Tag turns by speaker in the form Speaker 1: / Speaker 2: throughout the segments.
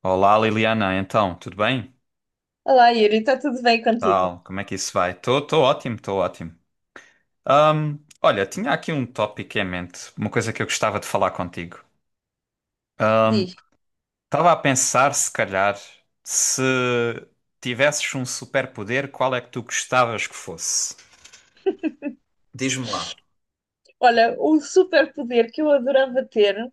Speaker 1: Olá Liliana, então, tudo bem?
Speaker 2: Olá, Yuri, está tudo bem contigo?
Speaker 1: Tal, como é que isso vai? Estou ótimo, estou ótimo. Olha, tinha aqui um tópico em mente, uma coisa que eu gostava de falar contigo.
Speaker 2: Diz.
Speaker 1: Estava a pensar, se calhar, se tivesses um superpoder, qual é que tu gostavas que fosse? Diz-me lá.
Speaker 2: Olha, o superpoder que eu adorava ter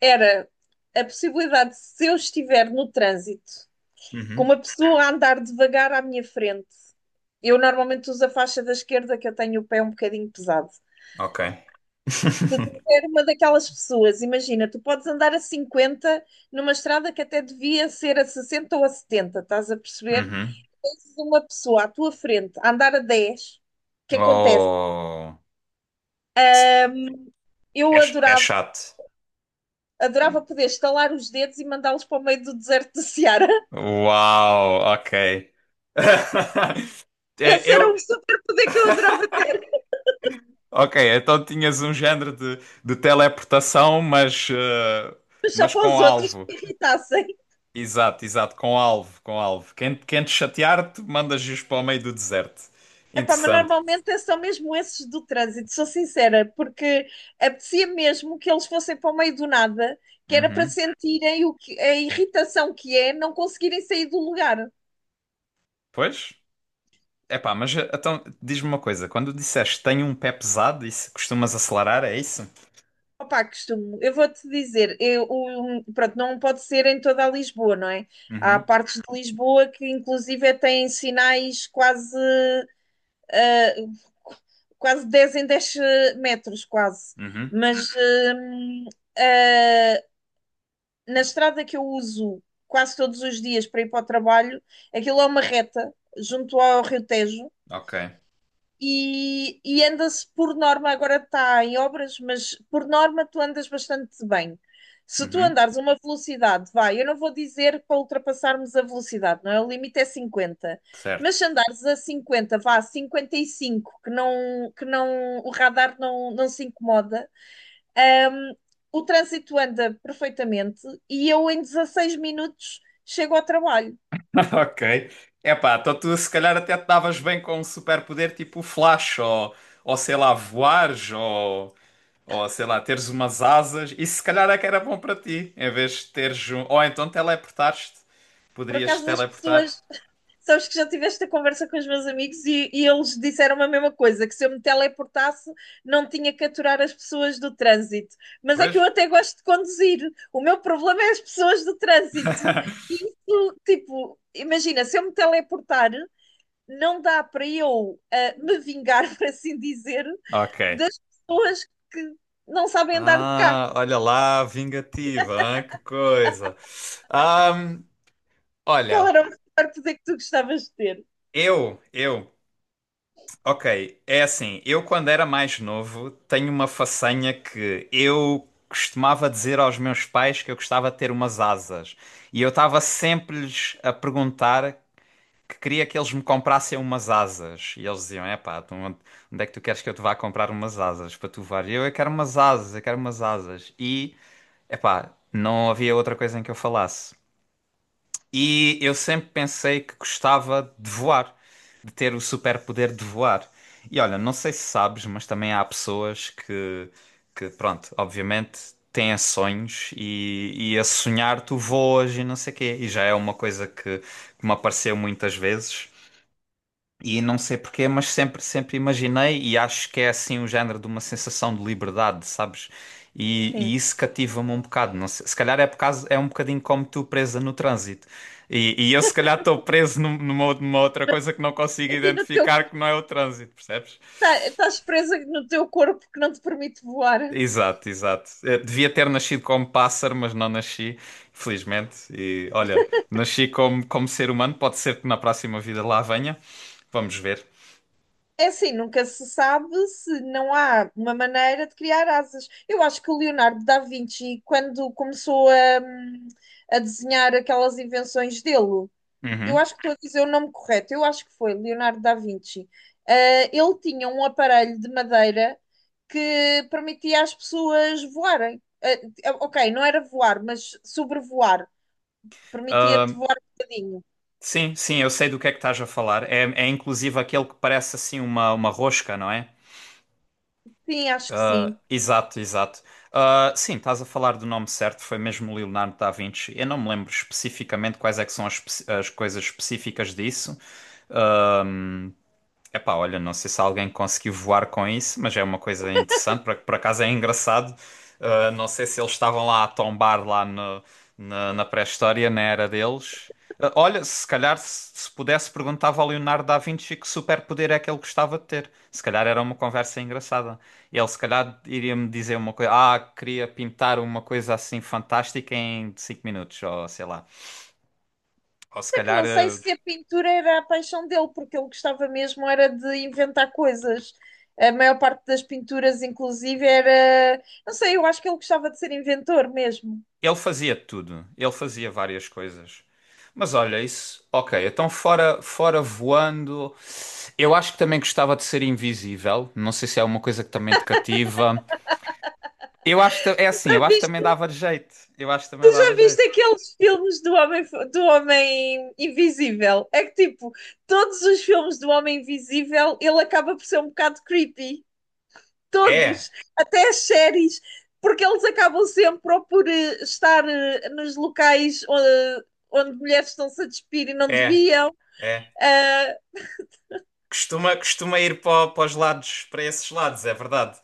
Speaker 2: era a possibilidade de, se eu estiver no trânsito, com
Speaker 1: Uhum,
Speaker 2: uma pessoa a andar devagar à minha frente. Eu normalmente uso a faixa da esquerda, que eu tenho o pé um bocadinho pesado.
Speaker 1: ok.
Speaker 2: Se tu tiver uma daquelas pessoas, imagina, tu podes andar a 50 numa estrada que até devia ser a 60 ou a 70, estás a perceber?
Speaker 1: Uhum.
Speaker 2: Tens uma pessoa à tua frente a andar a 10, o que acontece?
Speaker 1: Oh,
Speaker 2: Eu
Speaker 1: é, é
Speaker 2: adorava
Speaker 1: chato.
Speaker 2: Adorava poder estalar os dedos e mandá-los para o meio do deserto de Ceará.
Speaker 1: Uau, ok. É,
Speaker 2: Esse era um
Speaker 1: eu.
Speaker 2: superpoder que eu adorava ter,
Speaker 1: Ok, então tinhas um género de, teleportação,
Speaker 2: mas só
Speaker 1: mas
Speaker 2: para
Speaker 1: com
Speaker 2: os outros que
Speaker 1: alvo.
Speaker 2: me irritassem.
Speaker 1: Exato, exato, com alvo, com alvo. Quem te chatear, te mandas giros para o meio do deserto.
Speaker 2: Epá, mas
Speaker 1: Interessante.
Speaker 2: normalmente são mesmo esses do trânsito, sou sincera, porque apetecia mesmo que eles fossem para o meio do nada, que era para
Speaker 1: Uhum.
Speaker 2: sentirem o que, a irritação que é não conseguirem sair do lugar.
Speaker 1: Pois? Epá, então diz-me uma coisa: quando disseste tenho um pé pesado, isso costumas acelerar, é isso?
Speaker 2: Opa, costumo, eu vou-te dizer, pronto, não pode ser em toda a Lisboa, não é? Há
Speaker 1: Uhum,
Speaker 2: partes de Lisboa que inclusive têm sinais quase 10 em 10 metros, quase.
Speaker 1: uhum,
Speaker 2: Mas ah, na estrada que eu uso quase todos os dias para ir para o trabalho, aquilo é uma reta junto ao Rio Tejo
Speaker 1: ok.
Speaker 2: e, anda-se por norma, agora está em obras, mas por norma tu andas bastante bem. Se tu
Speaker 1: Uhum,
Speaker 2: andares uma velocidade, vai, eu não vou dizer para ultrapassarmos a velocidade, não é? O limite é 50.
Speaker 1: certo.
Speaker 2: Mas se andares a 50, vá, a 55, que não, o radar não se incomoda, hum, o trânsito anda perfeitamente e eu em 16 minutos chego ao trabalho.
Speaker 1: Ok. Epá, então tu se calhar até te davas bem com um superpoder tipo o Flash, ou sei lá, voares, ou. Ou sei lá, teres umas asas, e se calhar é que era bom para ti, em vez de teres um. Ou então teleportaste,
Speaker 2: Por
Speaker 1: poderias
Speaker 2: acaso as
Speaker 1: teleportar.
Speaker 2: pessoas sabes que já tive esta conversa com os meus amigos e, eles disseram a mesma coisa, que se eu me teleportasse não tinha que aturar as pessoas do trânsito. Mas é que
Speaker 1: Pois?
Speaker 2: eu até gosto de conduzir. O meu problema é as pessoas do trânsito. E isso, tipo, imagina, se eu me teleportar, não dá para eu me vingar, por assim dizer,
Speaker 1: Ok.
Speaker 2: das pessoas que não sabem andar de carro,
Speaker 1: Ah, olha lá, vingativa, hein? Que coisa. Ahm,
Speaker 2: que
Speaker 1: Olha,
Speaker 2: era o melhor poder que tu gostavas de ter.
Speaker 1: eu, ok, é assim, eu quando era mais novo tenho uma façanha que eu costumava dizer aos meus pais que eu gostava de ter umas asas. E eu estava sempre-lhes a perguntar que queria que eles me comprassem umas asas. E eles diziam: É pá, onde é que tu queres que eu te vá comprar umas asas para tu voar? E eu quero umas asas, eu quero umas asas. E é pá, não havia outra coisa em que eu falasse. E eu sempre pensei que gostava de voar, de ter o superpoder de voar. E olha, não sei se sabes, mas também há pessoas que, pronto, obviamente. Têm sonhos e a sonhar tu voas e não sei o quê. E já é uma coisa que me apareceu muitas vezes. E não sei porquê, mas sempre, sempre imaginei e acho que é assim o género de uma sensação de liberdade, sabes? E,
Speaker 2: Sim.
Speaker 1: e isso cativa-me um bocado. Não sei, se calhar é por causa, é um bocadinho como tu presa no trânsito. E eu se calhar estou preso numa outra coisa que não consigo
Speaker 2: Aqui no teu
Speaker 1: identificar que não é o trânsito, percebes?
Speaker 2: Tá- Estás presa no teu corpo que não te permite voar.
Speaker 1: Exato, exato. Devia ter nascido como pássaro, mas não nasci, felizmente. E olha, nasci como, ser humano, pode ser que na próxima vida lá venha. Vamos ver.
Speaker 2: É assim, nunca se sabe se não há uma maneira de criar asas. Eu acho que o Leonardo da Vinci, quando começou hum, a desenhar aquelas invenções dele, eu
Speaker 1: Uhum.
Speaker 2: acho que estou a dizer o nome correto, eu acho que foi Leonardo da Vinci. Ah, ele tinha um aparelho de madeira que permitia às pessoas voarem. Ah, ok, não era voar, mas sobrevoar. Permitia-te voar um bocadinho.
Speaker 1: Sim, sim, eu sei do que é que estás a falar. É, é inclusive aquele que parece assim uma rosca, não é?
Speaker 2: Sim, acho que
Speaker 1: Ah,
Speaker 2: sim.
Speaker 1: exato, exato. Ah, sim, estás a falar do nome certo, foi mesmo Leonardo da Vinci. Eu não me lembro especificamente quais é que são as coisas específicas disso. Ah, epá, olha, não sei se alguém conseguiu voar com isso, mas é uma coisa interessante, por acaso é engraçado. Não sei se eles estavam lá a tombar lá na pré-história, na era deles. Olha, se calhar se pudesse perguntava ao Leonardo da Vinci que superpoder é que ele gostava de ter. Se calhar era uma conversa engraçada. Ele se calhar iria-me dizer uma coisa, queria pintar uma coisa assim fantástica em 5 minutos, ou sei lá. Ou se
Speaker 2: É que
Speaker 1: calhar
Speaker 2: não sei
Speaker 1: ah,
Speaker 2: se a pintura era a paixão dele, porque ele gostava mesmo era de inventar coisas. A maior parte das pinturas, inclusive, era. Não sei, eu acho que ele gostava de ser inventor mesmo.
Speaker 1: Ele fazia tudo, ele fazia várias coisas. Mas olha, isso, ok, então fora voando, eu acho que também gostava de ser invisível, não sei se é uma coisa que também te cativa. Eu acho que é assim,
Speaker 2: Já
Speaker 1: eu acho que também
Speaker 2: viste,
Speaker 1: dava jeito, eu acho que
Speaker 2: tu
Speaker 1: também dava
Speaker 2: já viste
Speaker 1: jeito.
Speaker 2: aqueles filmes do Homem Invisível? É que, tipo, todos os filmes do Homem Invisível ele acaba por ser um bocado creepy.
Speaker 1: É,
Speaker 2: Todos, até as séries, porque eles acabam sempre ou por estar nos locais onde mulheres estão-se a despir e não
Speaker 1: é,
Speaker 2: deviam.
Speaker 1: é.
Speaker 2: Ah,
Speaker 1: Costuma ir para, os lados, para esses lados, é verdade.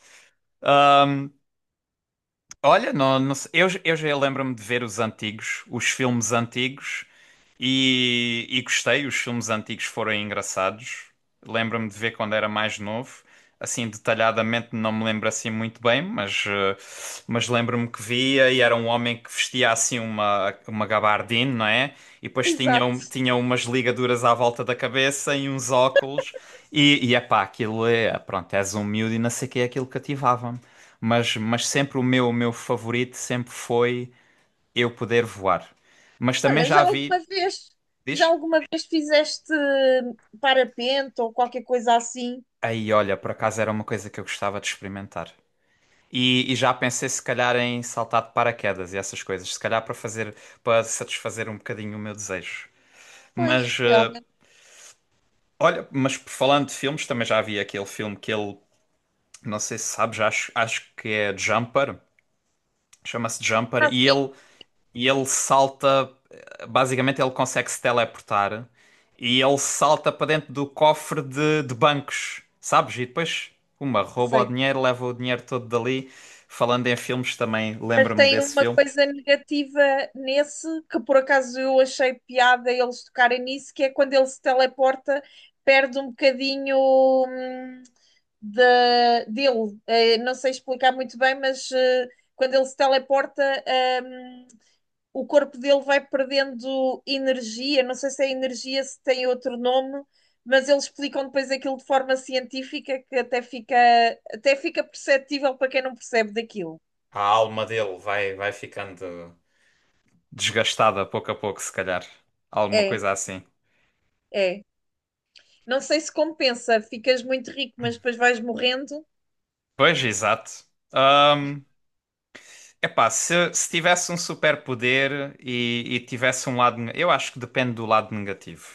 Speaker 1: Olha, não, não sei. Eu já lembro-me de ver os antigos, os filmes antigos, e gostei. Os filmes antigos foram engraçados. Lembro-me de ver quando era mais novo. Assim, detalhadamente não me lembro assim muito bem, mas lembro-me que via e era um homem que vestia assim uma gabardine, não é? E depois
Speaker 2: exato.
Speaker 1: tinha umas ligaduras à volta da cabeça e uns óculos. E epá, aquilo é, pronto, és um miúdo e não sei o que é aquilo cativava, mas sempre o meu favorito sempre foi eu poder voar. Mas também
Speaker 2: Olha,
Speaker 1: já vi,
Speaker 2: já
Speaker 1: diz?
Speaker 2: alguma vez fizeste parapente ou qualquer coisa assim?
Speaker 1: Aí, olha, por acaso era uma coisa que eu gostava de experimentar. E já pensei se calhar em saltar de paraquedas e essas coisas, se calhar para fazer, para satisfazer um bocadinho o meu desejo. Mas
Speaker 2: Pois, realmente,
Speaker 1: olha, mas falando de filmes, também já vi aquele filme que ele, não sei se sabes, acho que é Jumper, chama-se Jumper, e
Speaker 2: assim,
Speaker 1: ele e ele salta. Basicamente, ele consegue se teleportar e ele salta para dentro do cofre de bancos, sabes? E depois, rouba o
Speaker 2: sei.
Speaker 1: dinheiro, leva o dinheiro todo dali. Falando em filmes, também
Speaker 2: Mas
Speaker 1: lembro-me
Speaker 2: tem
Speaker 1: desse
Speaker 2: uma
Speaker 1: filme.
Speaker 2: coisa negativa nesse, que por acaso eu achei piada eles tocarem nisso, que é quando ele se teleporta, perde um bocadinho hum, de, dele. Não sei explicar muito bem, mas quando ele se teleporta, hum, o corpo dele vai perdendo energia. Não sei se é energia, se tem outro nome, mas eles explicam depois aquilo de forma científica que até fica perceptível para quem não percebe daquilo.
Speaker 1: A alma dele vai ficando desgastada pouco a pouco, se calhar. Alguma
Speaker 2: É,
Speaker 1: coisa assim.
Speaker 2: é. Não sei se compensa, ficas muito rico, mas depois vais morrendo.
Speaker 1: Pois, exato. Epá, se tivesse um superpoder e tivesse um lado. Eu acho que depende do lado negativo.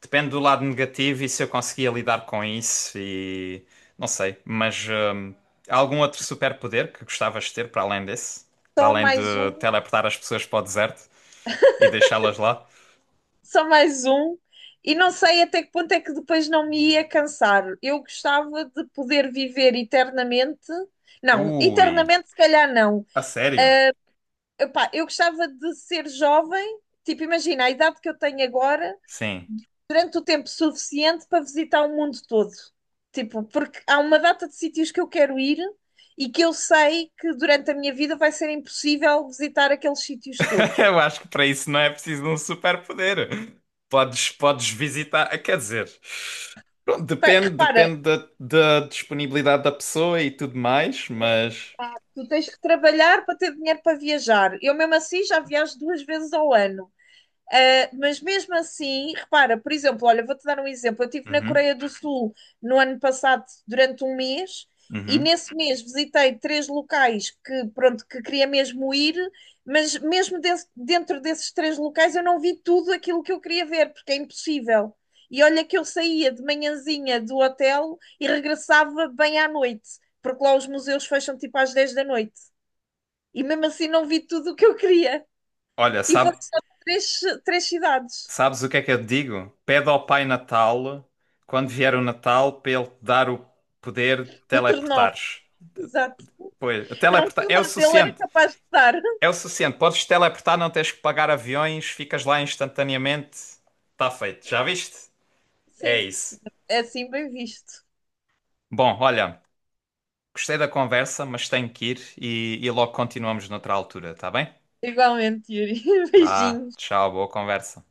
Speaker 1: Depende do lado negativo e se eu conseguia lidar com isso e. Não sei, mas. Há algum outro superpoder que gostavas de ter para além desse? Para
Speaker 2: Só
Speaker 1: além de
Speaker 2: mais um,
Speaker 1: teleportar as pessoas para o deserto e deixá-las lá?
Speaker 2: só mais um. E não sei até que ponto é que depois não me ia cansar. Eu gostava de poder viver eternamente. Não,
Speaker 1: Ui,
Speaker 2: eternamente se calhar não.
Speaker 1: a sério?
Speaker 2: Epá, eu gostava de ser jovem, tipo, imagina a idade que eu tenho agora
Speaker 1: Sim.
Speaker 2: durante o tempo suficiente para visitar o mundo todo. Tipo, porque há uma data de sítios que eu quero ir e que eu sei que durante a minha vida vai ser impossível visitar aqueles sítios todos.
Speaker 1: Eu acho que para isso não é preciso de um superpoder. Podes visitar, quer dizer, pronto,
Speaker 2: Pá,
Speaker 1: depende,
Speaker 2: repara,
Speaker 1: depende da disponibilidade da pessoa e tudo mais, mas.
Speaker 2: tu tens que trabalhar para ter dinheiro para viajar. Eu mesmo assim já viajo duas vezes ao ano. Mas mesmo assim, repara, por exemplo, olha, vou-te dar um exemplo. Eu estive na
Speaker 1: Uhum,
Speaker 2: Coreia do Sul no ano passado durante um mês e
Speaker 1: uhum.
Speaker 2: nesse mês visitei 3 locais que, pronto, que queria mesmo ir, mas dentro desses 3 locais eu não vi tudo aquilo que eu queria ver, porque é impossível. E olha que eu saía de manhãzinha do hotel e regressava bem à noite, porque lá os museus fecham tipo às 10 da noite. E mesmo assim não vi tudo o que eu queria.
Speaker 1: Olha,
Speaker 2: E foram só três, 3 cidades.
Speaker 1: sabes o que é que eu te digo? Pede ao Pai Natal, quando vier o Natal, para ele te dar o poder de
Speaker 2: O Ternov,
Speaker 1: teleportares.
Speaker 2: exato.
Speaker 1: Pois,
Speaker 2: Não, o
Speaker 1: teleportar é o
Speaker 2: Ternov dele era
Speaker 1: suficiente.
Speaker 2: capaz de dar.
Speaker 1: É o suficiente. Podes teleportar, não tens que pagar aviões, ficas lá instantaneamente. Está feito. Já viste? É
Speaker 2: Sim,
Speaker 1: isso.
Speaker 2: é assim bem visto.
Speaker 1: Bom, olha, gostei da conversa, mas tenho que ir e logo continuamos noutra altura, tá bem?
Speaker 2: Igualmente, Yuri.
Speaker 1: Vá,
Speaker 2: Beijinhos.
Speaker 1: tchau, boa conversa.